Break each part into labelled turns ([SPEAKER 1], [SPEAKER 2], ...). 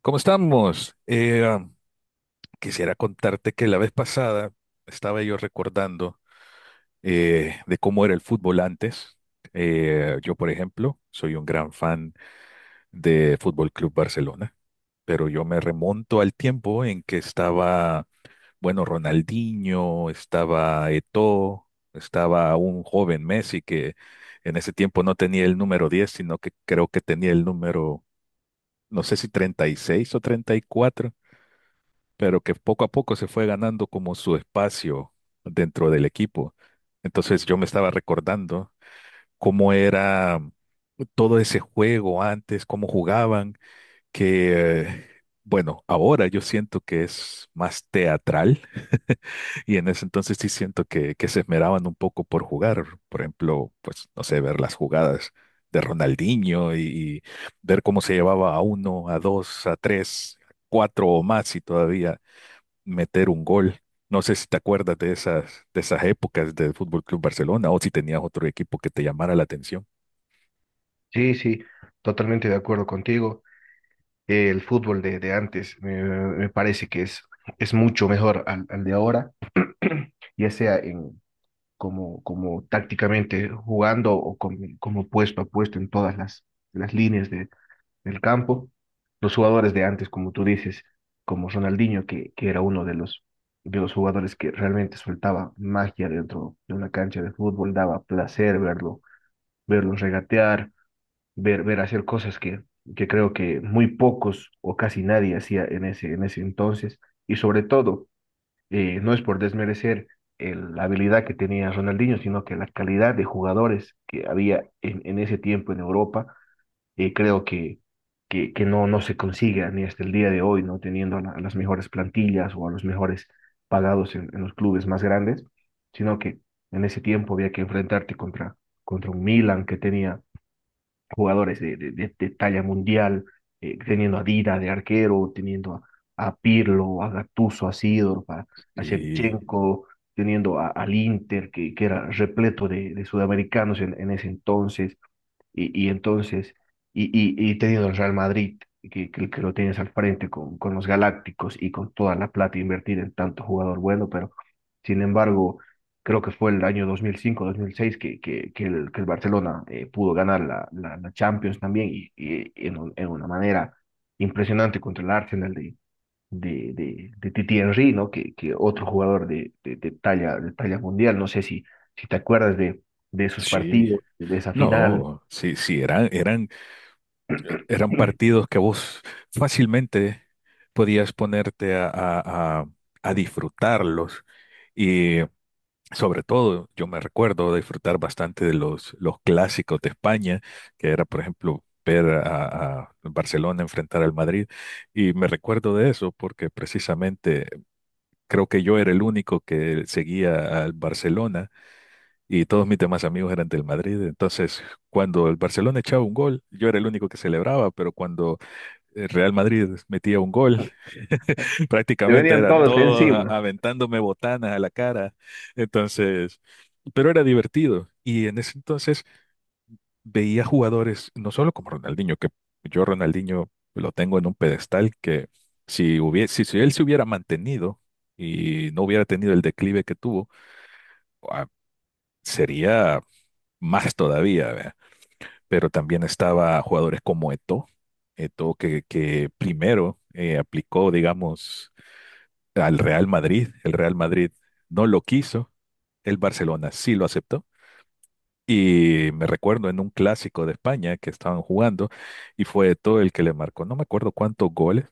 [SPEAKER 1] ¿Cómo estamos? Quisiera contarte que la vez pasada estaba yo recordando de cómo era el fútbol antes. Yo, por ejemplo, soy un gran fan de Fútbol Club Barcelona, pero yo me remonto al tiempo en que estaba, bueno, Ronaldinho, estaba Eto'o, estaba un joven Messi que en ese tiempo no tenía el número 10, sino que creo que tenía el número, no sé si 36 o 34. Pero que poco a poco se fue ganando como su espacio dentro del equipo. Entonces yo me estaba recordando cómo era todo ese juego antes, cómo jugaban, que bueno, ahora yo siento que es más teatral y en ese entonces sí siento que se esmeraban un poco por jugar, por ejemplo, pues no sé, ver las jugadas de Ronaldinho y ver cómo se llevaba a uno, a dos, a tres, cuatro o más y todavía meter un gol. No sé si te acuerdas de esas épocas del Fútbol Club Barcelona o si tenías otro equipo que te llamara la atención.
[SPEAKER 2] Sí, sí, totalmente de acuerdo contigo. El fútbol de antes me parece que es mucho mejor al de ahora, ya sea en, como tácticamente jugando o como puesto a puesto en todas las líneas del campo. Los jugadores de antes, como tú dices, como Ronaldinho, que era uno de de los jugadores que realmente soltaba magia dentro de una cancha de fútbol, daba placer verlo, verlo regatear ver, ver hacer cosas que creo que muy pocos o casi nadie hacía en en ese entonces. Y sobre todo, no es por desmerecer la habilidad que tenía Ronaldinho, sino que la calidad de jugadores que había en ese tiempo en Europa, creo que no se consigue ni hasta el día de hoy, no teniendo las mejores plantillas o a los mejores pagados en los clubes más grandes, sino que en ese tiempo había que enfrentarte contra, contra un Milan que tenía jugadores de talla mundial, teniendo a Dida de arquero, teniendo a Pirlo, a Gattuso, a Sidor, a
[SPEAKER 1] Y
[SPEAKER 2] Shevchenko, teniendo al Inter, que era repleto de sudamericanos en ese entonces, y, y entonces, y teniendo el Real Madrid, que lo tienes al frente con los Galácticos y con toda la plata invertida en tanto jugador bueno, pero sin embargo, creo que fue el año dos mil cinco mil seis que el Barcelona pudo ganar la Champions también en una manera impresionante contra el Arsenal de Titi Henry, ¿no? Que otro jugador de talla mundial, no sé si te acuerdas de esos
[SPEAKER 1] sí,
[SPEAKER 2] partidos, de esa final.
[SPEAKER 1] no, sí, sí, eran
[SPEAKER 2] Te
[SPEAKER 1] partidos que vos fácilmente podías ponerte a disfrutarlos. Sobre todo, yo me recuerdo disfrutar bastante de los clásicos de España, que era, por ejemplo, ver a Barcelona enfrentar al Madrid. Y me recuerdo de eso porque precisamente creo que yo era el único que seguía al Barcelona y todos mis demás amigos eran del Madrid. Entonces, cuando el Barcelona echaba un gol, yo era el único que celebraba, pero cuando el Real Madrid metía un gol, prácticamente
[SPEAKER 2] venían
[SPEAKER 1] eran
[SPEAKER 2] todos
[SPEAKER 1] todos
[SPEAKER 2] encima.
[SPEAKER 1] aventándome botanas a la cara. Entonces, pero era divertido. Y en ese entonces veía jugadores, no solo como Ronaldinho, que yo Ronaldinho lo tengo en un pedestal que si hubiese, si él se hubiera mantenido y no hubiera tenido el declive que tuvo, ah, sería más todavía, ¿verdad? Pero también estaba jugadores como Eto'o, Eto'o que primero aplicó, digamos, al Real Madrid. El Real Madrid no lo quiso, el Barcelona sí lo aceptó. Y me recuerdo en un clásico de España que estaban jugando y fue todo el que le marcó. No me acuerdo cuántos goles,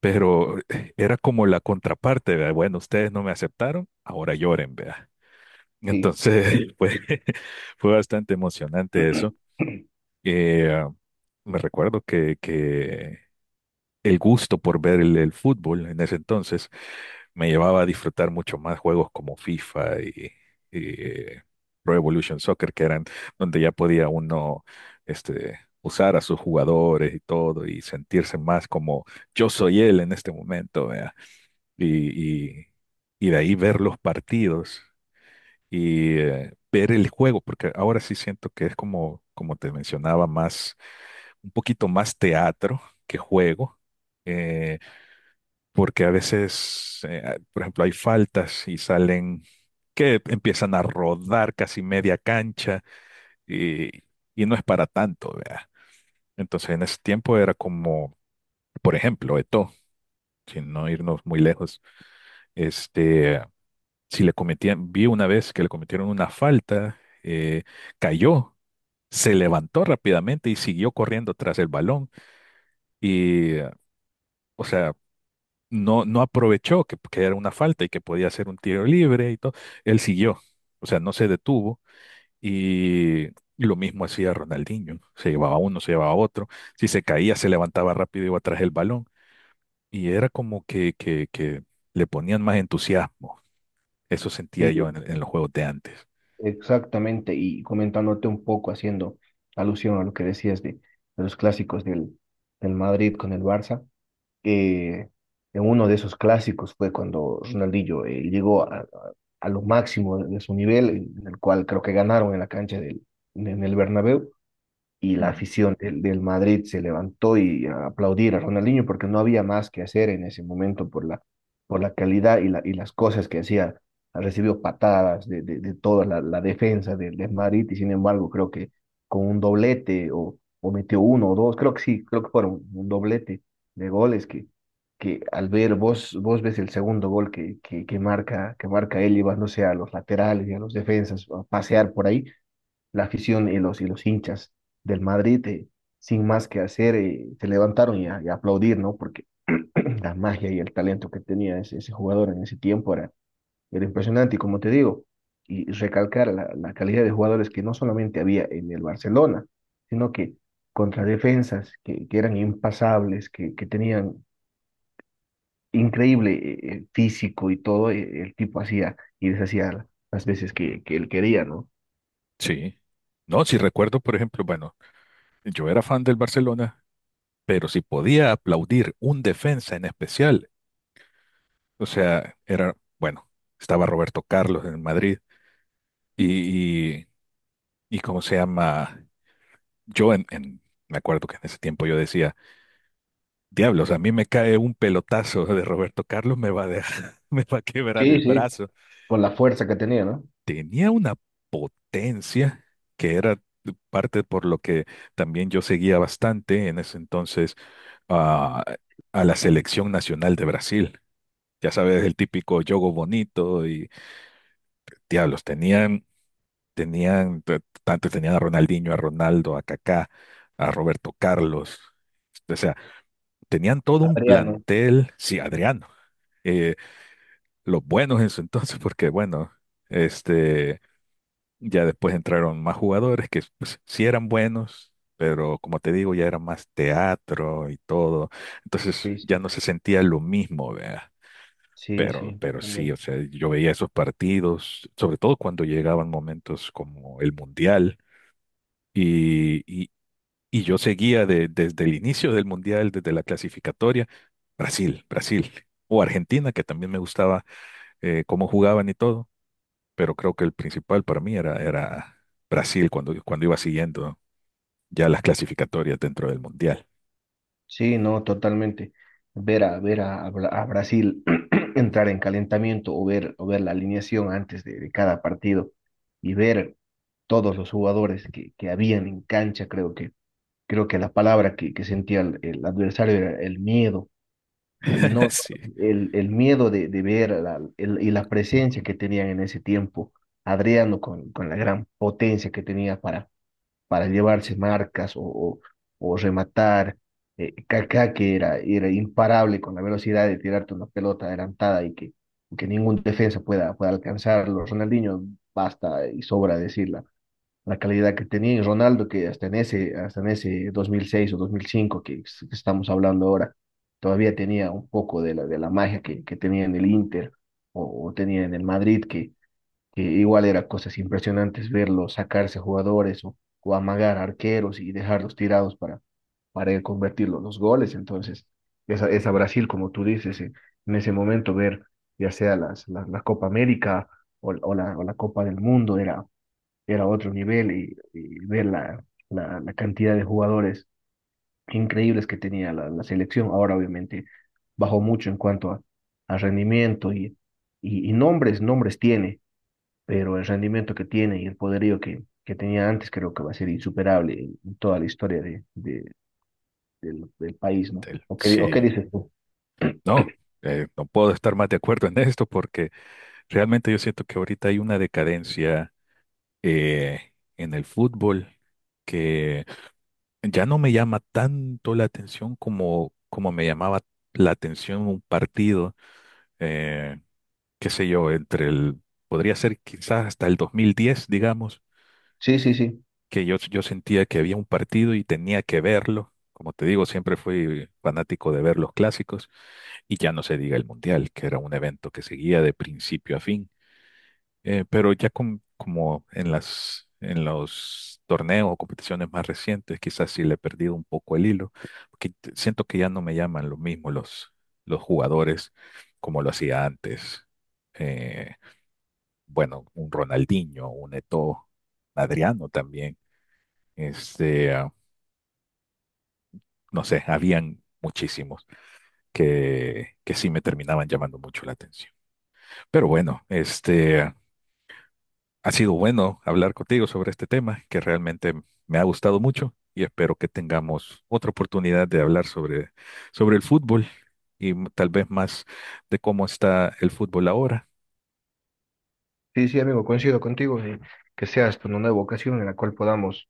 [SPEAKER 1] pero era como la contraparte, ¿verdad? Bueno, ustedes no me aceptaron, ahora lloren, vea.
[SPEAKER 2] Sí,
[SPEAKER 1] Entonces, pues, fue bastante emocionante eso. Eh, Me recuerdo que el gusto por ver el fútbol en ese entonces me llevaba a disfrutar mucho más juegos como FIFA y, eh, Pro Evolution Soccer, que eran donde ya podía uno este, usar a sus jugadores y todo y sentirse más como yo soy él en este momento, vea. Y, y, y de ahí ver los partidos y ver el juego, porque ahora sí siento que es como, como te mencionaba, más, un poquito más teatro que juego. Eh, Porque a veces, por ejemplo, hay faltas y salen que empiezan a rodar casi media cancha y, y no es para tanto, vea. Entonces en ese tiempo era como, por ejemplo, Eto'o, sin no irnos muy lejos, este, si le cometían, vi una vez que le cometieron una falta, eh, cayó, se levantó rápidamente y siguió corriendo tras el balón y, o sea, no aprovechó que era una falta y que podía ser un tiro libre y todo. Él siguió, o sea, no se detuvo y lo mismo hacía Ronaldinho. Se llevaba uno, se llevaba otro. Si se caía, se levantaba rápido y iba tras el balón. Y era como que le ponían más entusiasmo. Eso sentía yo
[SPEAKER 2] sí,
[SPEAKER 1] en los juegos de antes.
[SPEAKER 2] exactamente. Y comentándote un poco, haciendo alusión a lo que decías de los clásicos del, del Madrid con el Barça, eh, en uno de esos clásicos fue cuando Ronaldinho llegó a lo máximo de su nivel, en el cual creo que ganaron en la cancha del, en el Bernabéu. Y la
[SPEAKER 1] Mm,
[SPEAKER 2] afición del, del Madrid se levantó y a aplaudir a Ronaldinho porque no había más que hacer en ese momento por por la calidad y, la, y las cosas que hacía. Recibió patadas de toda la defensa del, del Madrid y sin embargo creo que con un doblete o metió uno o dos, creo que sí, creo que fueron un doblete de goles que al ver vos, vos ves el segundo gol que marca él llevándose a los laterales y a los defensas a pasear por ahí la afición y los hinchas del Madrid, sin más que hacer, se levantaron y a aplaudir, ¿no? Porque la magia y el talento que tenía ese jugador en ese tiempo era, era impresionante. Y como te digo, y recalcar la calidad de jugadores que no solamente había en el Barcelona, sino que contra defensas que eran impasables, que tenían increíble físico y todo, el tipo hacía y deshacía las veces que él quería, ¿no?
[SPEAKER 1] sí. No, si recuerdo, por ejemplo, bueno, yo era fan del Barcelona, pero si podía aplaudir un defensa en especial, o sea, era, bueno, estaba Roberto Carlos en Madrid y, y, y cómo se llama, yo en, en- me acuerdo que en ese tiempo yo decía, diablos, a mí me cae un pelotazo de Roberto Carlos, me va a dejar, me va a quebrar el
[SPEAKER 2] Sí, sí.
[SPEAKER 1] brazo.
[SPEAKER 2] Con la fuerza que tenía, ¿no?
[SPEAKER 1] Tenía una potencia que era parte por lo que también yo seguía bastante en ese entonces a, a la selección nacional de Brasil. Ya sabes, el típico yogo bonito y diablos, Tenían, te- antes tenían a Ronaldinho, a Ronaldo, a Kaká, a Roberto Carlos. O sea, tenían todo un
[SPEAKER 2] Adriano,
[SPEAKER 1] plantel, sí, Adriano, eh, los buenos en su entonces, porque bueno, este, ya después entraron más jugadores que pues, sí eran buenos, pero como te digo, ya era más teatro y todo. Entonces
[SPEAKER 2] sí,
[SPEAKER 1] ya
[SPEAKER 2] sí,
[SPEAKER 1] no se sentía lo mismo, vea.
[SPEAKER 2] sí, sí,
[SPEAKER 1] Pero sí, o
[SPEAKER 2] totalmente.
[SPEAKER 1] sea, yo veía esos partidos, sobre todo cuando llegaban momentos como el Mundial Y, y- y yo seguía desde el inicio del Mundial, desde la clasificatoria, Brasil, Brasil, o Argentina, que también me gustaba cómo jugaban y todo, pero creo que el principal para mí era, era Brasil cuando, cuando iba siguiendo ya las clasificatorias dentro del Mundial.
[SPEAKER 2] Sí, no, totalmente. Ver a, ver a a Brasil entrar en calentamiento o ver la alineación antes de cada partido y ver todos los jugadores que habían en cancha, creo creo que la palabra que sentía el adversario era el miedo y no
[SPEAKER 1] Sí,
[SPEAKER 2] el, el miedo de ver y la presencia que tenían en ese tiempo. Adriano con la gran potencia que tenía para llevarse marcas o rematar. Kaká, que era, era imparable con la velocidad de tirarte una pelota adelantada y que ningún defensa pueda, pueda alcanzarlo. Ronaldinho, basta y sobra decir la calidad que tenía. Y Ronaldo, que hasta en ese 2006 o 2005 que estamos hablando ahora, todavía tenía un poco de la magia que tenía en el Inter o tenía en el Madrid, que igual era cosas impresionantes verlos sacarse jugadores o amagar arqueros y dejarlos tirados para él convertir los goles. Entonces, esa Brasil, como tú dices, en ese momento ver ya sea las, la Copa América o la Copa del Mundo era, era otro nivel y ver la cantidad de jugadores increíbles que tenía la selección. Ahora, obviamente, bajó mucho en cuanto a rendimiento y nombres, nombres tiene pero el rendimiento que tiene y el poderío que tenía antes creo que va a ser insuperable en toda la historia del, del país, ¿no? ¿O qué, o qué
[SPEAKER 1] sí,
[SPEAKER 2] dices tú?
[SPEAKER 1] no, no puedo estar más de acuerdo en esto porque realmente yo siento que ahorita hay una decadencia en el fútbol que ya no me llama tanto la atención como, como me llamaba la atención un partido, eh, qué sé yo, entre el, podría ser quizás hasta el 2010, digamos,
[SPEAKER 2] Sí, sí, sí.
[SPEAKER 1] que yo sentía que había un partido y tenía que verlo. Como te digo, siempre fui fanático de ver los clásicos y ya no se diga el mundial, que era un evento que seguía de principio a fin. Pero ya como en las, en los torneos o competiciones más recientes, quizás sí le he perdido un poco el hilo, porque siento que ya no me llaman lo mismo los jugadores como lo hacía antes. Eh, bueno, un Ronaldinho, un Eto'o, Adriano también. Este, ah, no sé, habían muchísimos que sí me terminaban llamando mucho la atención. Pero bueno, este, ha sido bueno hablar contigo sobre este tema que realmente me ha gustado mucho y espero que tengamos otra oportunidad de hablar sobre, sobre el fútbol y tal vez más de cómo está el fútbol ahora.
[SPEAKER 2] Sí, sí, amigo, coincido contigo. Que sea esto una nueva ocasión en la cual podamos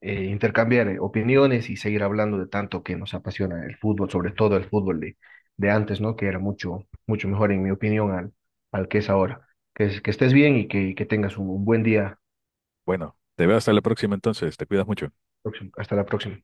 [SPEAKER 2] intercambiar opiniones y seguir hablando de tanto que nos apasiona el fútbol, sobre todo el fútbol de antes, ¿no? Que era mucho, mucho mejor, en mi opinión, al, al que es ahora. Que estés bien que tengas un buen día.
[SPEAKER 1] Bueno, te veo hasta la próxima entonces, te cuidas mucho.
[SPEAKER 2] Hasta la próxima.